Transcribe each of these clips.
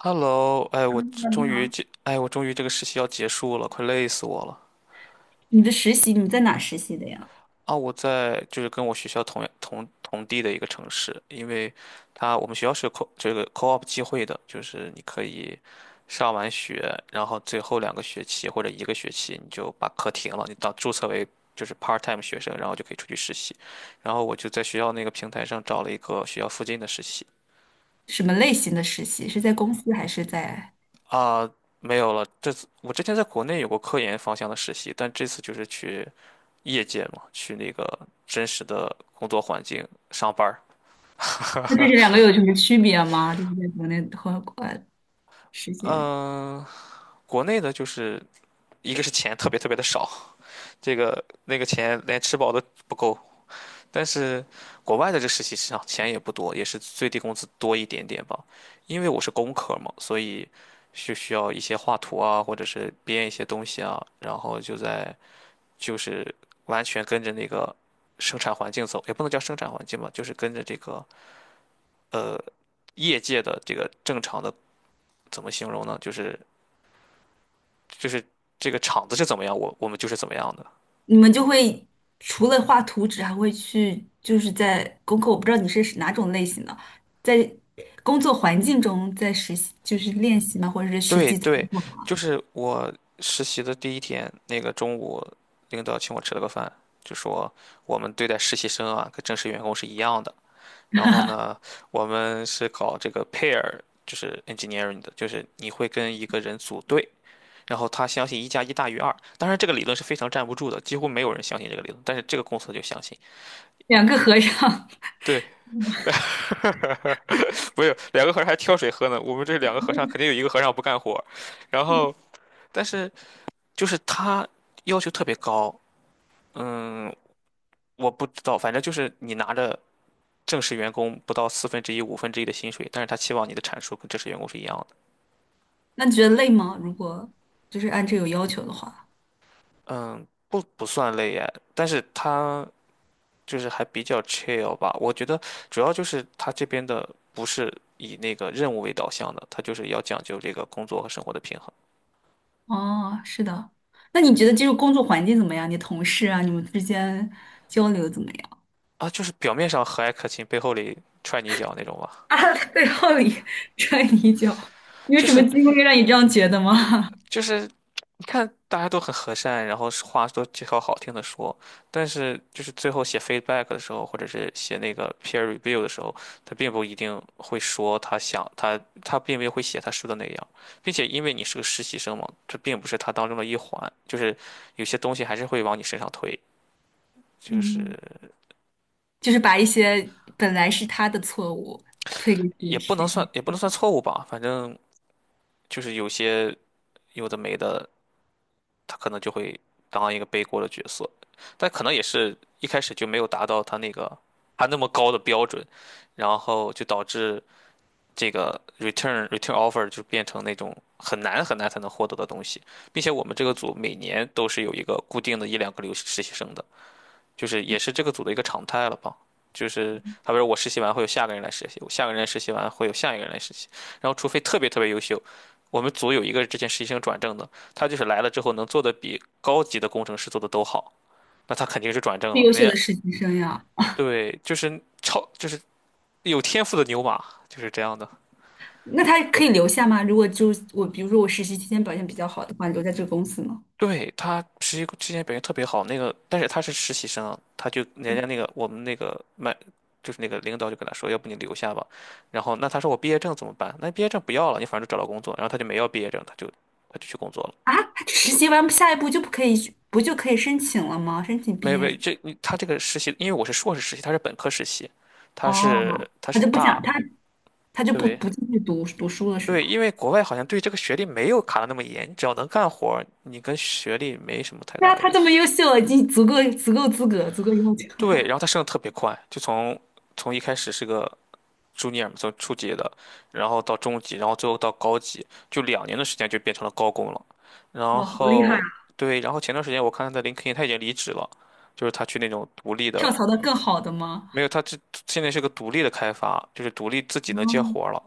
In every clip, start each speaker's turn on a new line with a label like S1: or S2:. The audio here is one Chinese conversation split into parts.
S1: Hello，哎，我这
S2: 嗯，你
S1: 终于
S2: 好，
S1: 这，哎，我终于这个实习要结束了，快累死我了。
S2: 你在哪实习的呀？
S1: 啊！我在就是跟我学校同地的一个城市。因为它我们学校是有 co 这个 co-op 机会的，就是你可以上完学，然后最后两个学期或者一个学期你就把课停了，你到注册为就是 part-time 学生，然后就可以出去实习。然后我就在学校那个平台上找了一个学校附近的实习。
S2: 什么类型的实习？是在公司还是在？
S1: 啊，没有了，这次我之前在国内有过科研方向的实习，但这次就是去业界嘛，去那个真实的工作环境上班儿。
S2: 那这是两个有什么区别吗？就是在国内和国外实习的，
S1: 嗯，国内的就是一个是钱特别特别的少，这个那个钱连吃饱都不够。但是国外的这个实习市场钱也不多，也是最低工资多一点点吧。因为我是工科嘛，所以就需要一些画图啊，或者是编一些东西啊，然后就在就是完全跟着那个生产环境走，也不能叫生产环境吧，就是跟着这个呃，业界的这个正常的，怎么形容呢？就是这个厂子是怎么样，我们就是怎么样的。
S2: 你们就会除了画图纸，还会去就是在功课，我不知道你是哪种类型的，在工作环境中在实习，就是练习吗？或者是实
S1: 对
S2: 际操
S1: 对，
S2: 作吗？
S1: 就是我实习的第一天，那个中午，领导请我吃了个饭，就说我们对待实习生啊，跟正式员工是一样的。然后呢，我们是搞这个 pair，就是 engineering 的，就是你会跟一个人组队，然后他相信一加一大于二。当然，这个理论是非常站不住的，几乎没有人相信这个理论，但是这个公司就相信。
S2: 两个和尚，
S1: 对，不是两个和尚还挑水喝呢。我们这两个和尚肯定有一个和尚不干活，然后但是就是他要求特别高。嗯，我不知道，反正就是你拿着正式员工不到四分之一、五分之一的薪水，但是他期望你的产出跟正式员工是一样的。
S2: 那你觉得累吗？如果就是按这有要求的话。
S1: 嗯，不算累哎，但是他就是还比较 chill 吧。我觉得主要就是他这边的不是以那个任务为导向的，他就是要讲究这个工作和生活的平衡。
S2: 哦，是的。那你觉得这个工作环境怎么样？你同事啊，你们之间交流怎么样？
S1: 啊，就是表面上和蔼可亲，背后里踹你一脚那种吧。
S2: 啊，背后里踹你一脚 你有
S1: 就
S2: 什么
S1: 是
S2: 经历让你这样觉得吗？
S1: 就是，你看大家都很和善，然后是话都介绍好听的说，但是就是最后写 feedback 的时候，或者是写那个 peer review 的时候，他并不一定会说他想他并没有会写他说的那样。并且因为你是个实习生嘛，这并不是他当中的一环，就是有些东西还是会往你身上推，就
S2: 嗯，
S1: 是
S2: 就是把一些本来是他的错误推给你
S1: 也
S2: 的
S1: 不
S2: 实
S1: 能算
S2: 习，
S1: 也不能算错误吧，反正就是有些有的没的。他可能就会当一个背锅的角色，但可能也是一开始就没有达到他那个他那么高的标准，然后就导致这个 return offer 就变成那种很难很难才能获得的东西。并且我们这个组每年都是有一个固定的一两个留实习生的，就是也是这个组的一个常态了吧。就是他比如我实习完会有下个人来实习，我下个人来实习完会有下一个人来实习，然后除非特别特别优秀。我们组有一个之前实习生转正的，他就是来了之后能做的比高级的工程师做的都好，那他肯定是转正
S2: 最
S1: 了。
S2: 优秀
S1: 人家
S2: 的实习生呀。
S1: 对，就是超就是有天赋的牛马就是这样的。
S2: 那他可以留下吗？如果就是我，比如说我实习期间表现比较好的话，留在这个公司呢？
S1: 对，他实习之前表现特别好。那个，但是他是实习生啊，他就人家那个我们那个麦，就是那个领导就跟他说，要不你留下吧。然后那他说我毕业证怎么办？那毕业证不要了，你反正都找到工作。然后他就没要毕业证，他就去工作了。
S2: 啊，他实习完下一步就不可以，不就可以申请了吗？申请
S1: 没
S2: 毕
S1: 有
S2: 业
S1: 没有，
S2: 什么？
S1: 这你他这个实习，因为我是硕士实习，他是本科实习，他
S2: 哦，
S1: 是他
S2: 他
S1: 是
S2: 就不想，
S1: 大。
S2: 他就不
S1: 对
S2: 不继续读书了，是
S1: 对，
S2: 吧？
S1: 因为国外好像对这个学历没有卡的那么严，你只要能干活儿你跟学历没什么太
S2: 对
S1: 大
S2: 啊，他
S1: 联
S2: 这
S1: 系。
S2: 么优秀了已经足够资格，足够优秀
S1: 对，然
S2: 了
S1: 后他升的特别快，就从一开始是个。朱尼尔从初级的，然后到中级，然后最后到高级，就2年的时间就变成了高工了。然
S2: 哇，好厉害
S1: 后
S2: 啊！
S1: 对，然后前段时间我看他在林肯，他已经离职了，就是他去那种独立
S2: 跳
S1: 的。
S2: 槽到更好的吗？
S1: 没有，他这现在是个独立的开发，就是独立自己能接
S2: 哦，
S1: 活儿了。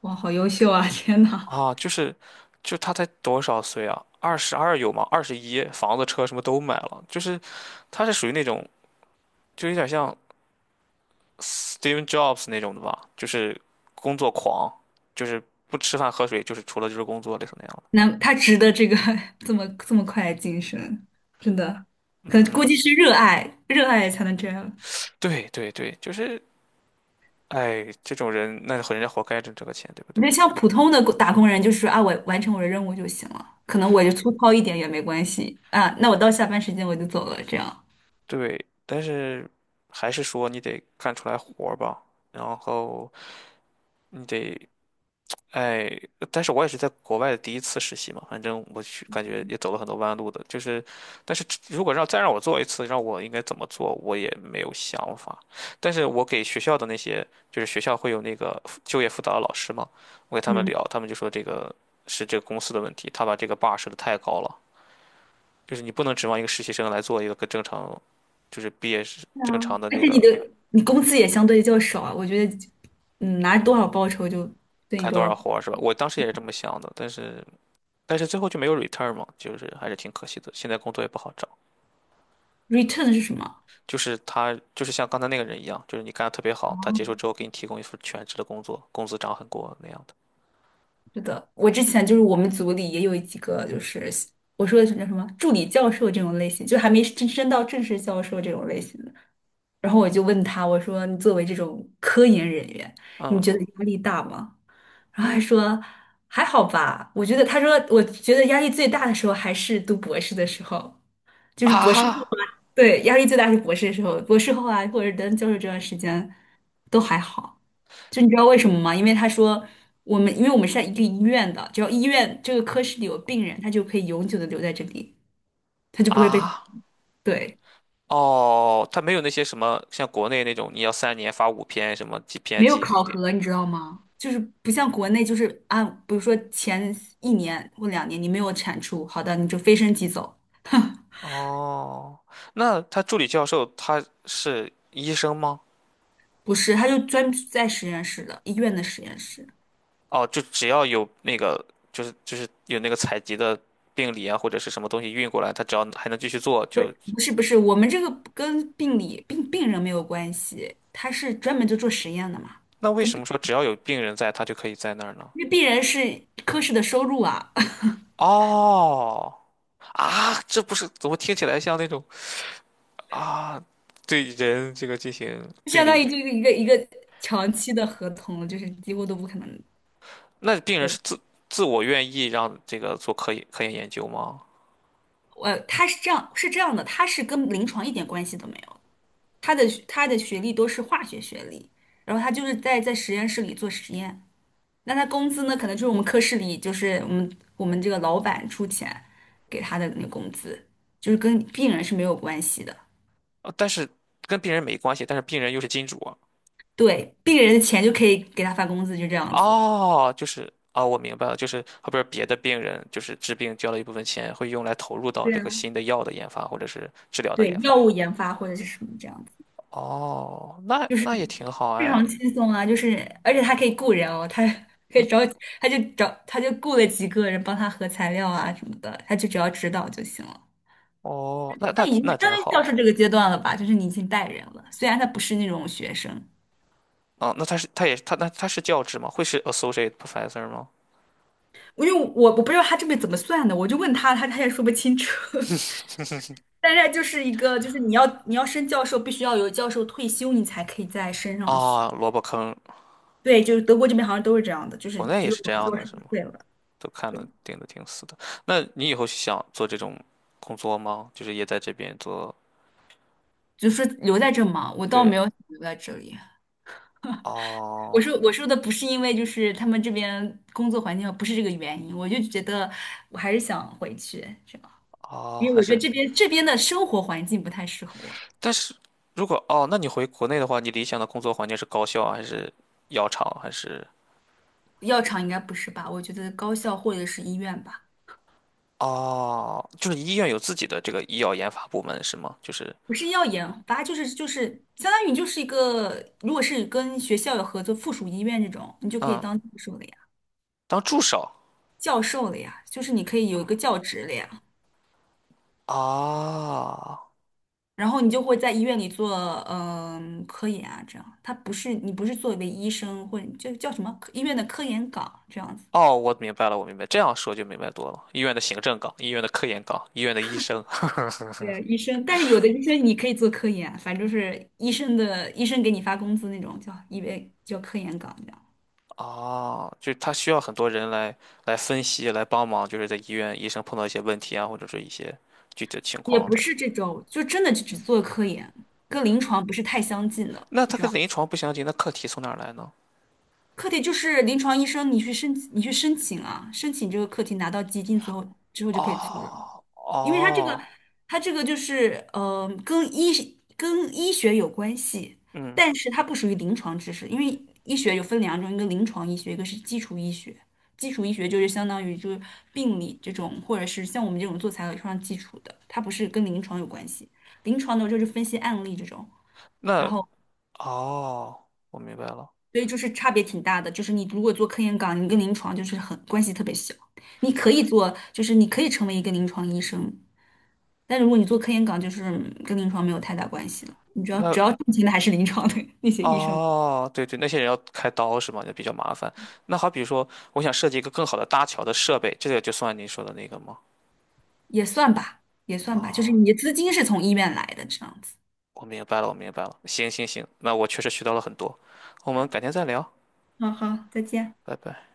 S2: 哇，好优秀啊！天呐，
S1: 啊，就他才多少岁啊？22有吗？21，房子车什么都买了。就是他是属于那种就有点像Steve Jobs 那种的吧，就是工作狂，就是不吃饭喝水，就是除了就是工作，类似那样的。
S2: 那他值得这个 这么这么快的晋升，真的，可能估
S1: 嗯，
S2: 计是热爱，热爱才能这样。
S1: 对对对，就是，哎，这种人，那人家活该挣这个钱，对不
S2: 我
S1: 对？
S2: 觉得像普通的打工人，就是啊，我完成我的任务就行了，可能我就粗糙一点也没关系啊，那我到下班时间我就走了，这样。
S1: 对，但是还是说你得干出来活儿吧，然后你得哎。但是我也是在国外的第一次实习嘛，反正我去感觉也走了很多弯路的，就是，但是如果让我做一次，让我应该怎么做，我也没有想法。但是我给学校的那些，就是学校会有那个就业辅导的老师嘛，我给他们
S2: 嗯。
S1: 聊，他们就说这个是这个公司的问题，他把这个 bar 设的太高了，就是你不能指望一个实习生来做一个跟正常，就是毕业是
S2: 啊！
S1: 正常的
S2: 而
S1: 那
S2: 且你
S1: 个
S2: 的你工资也相对较少啊，我觉得，嗯，拿多少报酬就对你
S1: 干
S2: 多
S1: 多少
S2: 少。
S1: 活儿是吧？我当时也是这么想的，但是最后就没有 return 嘛，就是还是挺可惜的。现在工作也不好找，
S2: return 是什么？
S1: 就是他就是像刚才那个人一样，就是你干得特别好，他结束之后给你提供一份全职的工作，工资涨很多那样的。
S2: 是的，我之前就是我们组里也有几个，就是我说的是叫什么助理教授这种类型，就还没真升到正式教授这种类型的。然后我就问他，我说你作为这种科研人员，你觉
S1: 嗯，
S2: 得压力大吗？然后他说还好吧，我觉得他说我觉得压力最大的时候还是读博士的时候，就是博士。
S1: 啊，
S2: 对，压力最大是博士的时候，博士后啊，或者等教授这段时间都还好。就你知道为什么吗？因为他说我们，因为我们是在一个医院的，只要医院这个科室里有病人，他就可以永久的留在这里，他就不会被，
S1: 啊，
S2: 对，
S1: 哦，他没有那些什么像国内那种你要3年发5篇什么几篇
S2: 没有
S1: 几
S2: 考
S1: 点。
S2: 核，你知道吗？就是不像国内，就是啊，比如说前一年或两年你没有产出，好的，你就飞升即走。
S1: 哦，那他助理教授他是医生吗？
S2: 不是，他就专在实验室的，医院的实验室。
S1: 哦，就只要有那个，就是有那个采集的病理啊或者是什么东西运过来，他只要还能继续做
S2: 不是
S1: 就
S2: 不是不是，我们这个跟病理病病人没有关系，他是专门就做实验的嘛，
S1: 那为
S2: 跟
S1: 什么
S2: 病
S1: 说只要有病人在，他就可以在那儿呢？
S2: 因为病人是科室的收入啊，
S1: 哦，啊，这不是，怎么听起来像那种，啊，对人这个进行 病
S2: 相当于
S1: 理？
S2: 就是一个一个长期的合同就是几乎都不可能。
S1: 那病人
S2: 对
S1: 是
S2: 吧，
S1: 自我愿意让这个做科研研究吗？
S2: 我他是这样是这样的，他是跟临床一点关系都没有，他的他的学历都是化学学历，然后他就是在在实验室里做实验。那他工资呢，可能就是我们科室里，就是我们这个老板出钱给他的那个工资，就是跟病人是没有关系的。
S1: 但是跟病人没关系，但是病人又是金主啊。
S2: 对，病人的钱就可以给他发工资，就这样子。
S1: 哦，就是啊，我明白了，就是后边别的病人就是治病交了一部分钱，会用来投入到
S2: 对
S1: 这
S2: 啊，
S1: 个新的药的研发或者是治疗的
S2: 对，
S1: 研发。
S2: 药物研发或者是什么这样子，
S1: 哦，那那也挺好
S2: 非
S1: 哎。
S2: 常轻松啊。就是而且他可以雇人哦，他可以找，他就找，他就雇了几个人帮他核材料啊什么的，他就只要指导就行了。
S1: 哦，那
S2: 他
S1: 那
S2: 已经是
S1: 那
S2: 相
S1: 真
S2: 当于教授
S1: 好。
S2: 这个阶段了吧，就是你已经带人了，虽然他不是那种学生。
S1: 啊！那他是他也他那他是教职吗？会是 associate professor 吗？
S2: 因为我不知道他这边怎么算的，我就问他，他他也说不清楚。但是就是一个，就是你要升教授，必须要有教授退休，你才可以再升上去。
S1: 啊，萝卜坑。
S2: 对，就是德国这边好像都是这样的，就是
S1: 国内
S2: 只
S1: 也
S2: 有
S1: 是
S2: 教
S1: 这样的，
S2: 授
S1: 是吗？
S2: 退了，
S1: 都看
S2: 对，
S1: 的盯的挺死的。那你以后想做这种工作吗？就是也在这边做？
S2: 就是留在这嘛。我倒
S1: 对，
S2: 没有想留在这里。我
S1: 哦
S2: 说我说的不是因为就是他们这边工作环境不是这个原因，我就觉得我还是想回去这样，
S1: 哦，
S2: 因为
S1: 还
S2: 我觉得
S1: 是，
S2: 这边的生活环境不太适合我。
S1: 但是如果，哦，那你回国内的话，你理想的工作环境是高校啊还是药厂还是？
S2: 药厂应该不是吧？我觉得高校或者是医院吧。
S1: 哦，就是医院有自己的这个医药研发部门是吗？就是
S2: 不是要研发，就是就是相当于你就是一个，如果是跟学校有合作，附属医院这种，你就可以
S1: 嗯，
S2: 当教授了呀，
S1: 当助手
S2: 教授了呀，就是你可以有一个教职了呀，
S1: 啊。
S2: 然后你就会在医院里做嗯、科研啊，这样，他不是你不是作为医生或者就叫什么科医院的科研岗这样子。
S1: 哦，我明白了，我明白，这样说就明白多了。医院的行政岗、医院的科研岗、医院的医生。
S2: 对，医生，但是有的医生你可以做科研，反正就是医生的医生给你发工资那种，叫医为叫科研岗。
S1: 哦，就是他需要很多人来分析、来帮忙，就是在医院医生碰到一些问题啊，或者说一些具体的情
S2: 也
S1: 况
S2: 不
S1: 的。
S2: 是这种，就真的就只做科研，跟临床不是太相近的。
S1: 那他跟临床不相近，那课题从哪儿来呢？
S2: 课题就是临床医生，你去申请啊，申请这个课题拿到基金之后，之后就可以做。了。
S1: 哦
S2: 因为它这个，
S1: 哦，
S2: 它这个就是跟医跟医学有关系，
S1: 嗯，
S2: 但是它不属于临床知识，因为医学有分两种，一个临床医学，一个是基础医学。基础医学就是相当于就是病理这种，或者是像我们这种做材料非常基础的，它不是跟临床有关系。临床的就是分析案例这种。然
S1: 那
S2: 后
S1: 哦，我明白了。
S2: 所以就是差别挺大的，就是你如果做科研岗，你跟临床就是很关系特别小，你可以做，就是你可以成为一个临床医生，但如果你做科研岗，就是嗯跟临床没有太大关系了，你主要主
S1: 那
S2: 要挣钱的还是临床的 那些医生，
S1: 哦，对对，那些人要开刀是吗？就比较麻烦。那好比说，我想设计一个更好的搭桥的设备，这个就算您说的那个吗？
S2: 也算吧，也算吧，就是
S1: 啊。
S2: 你的资金是从医院来的这样子。
S1: 我明白了，我明白了。行行行，那我确实学到了很多。我们改天再聊，
S2: 好好，再见。
S1: 拜拜。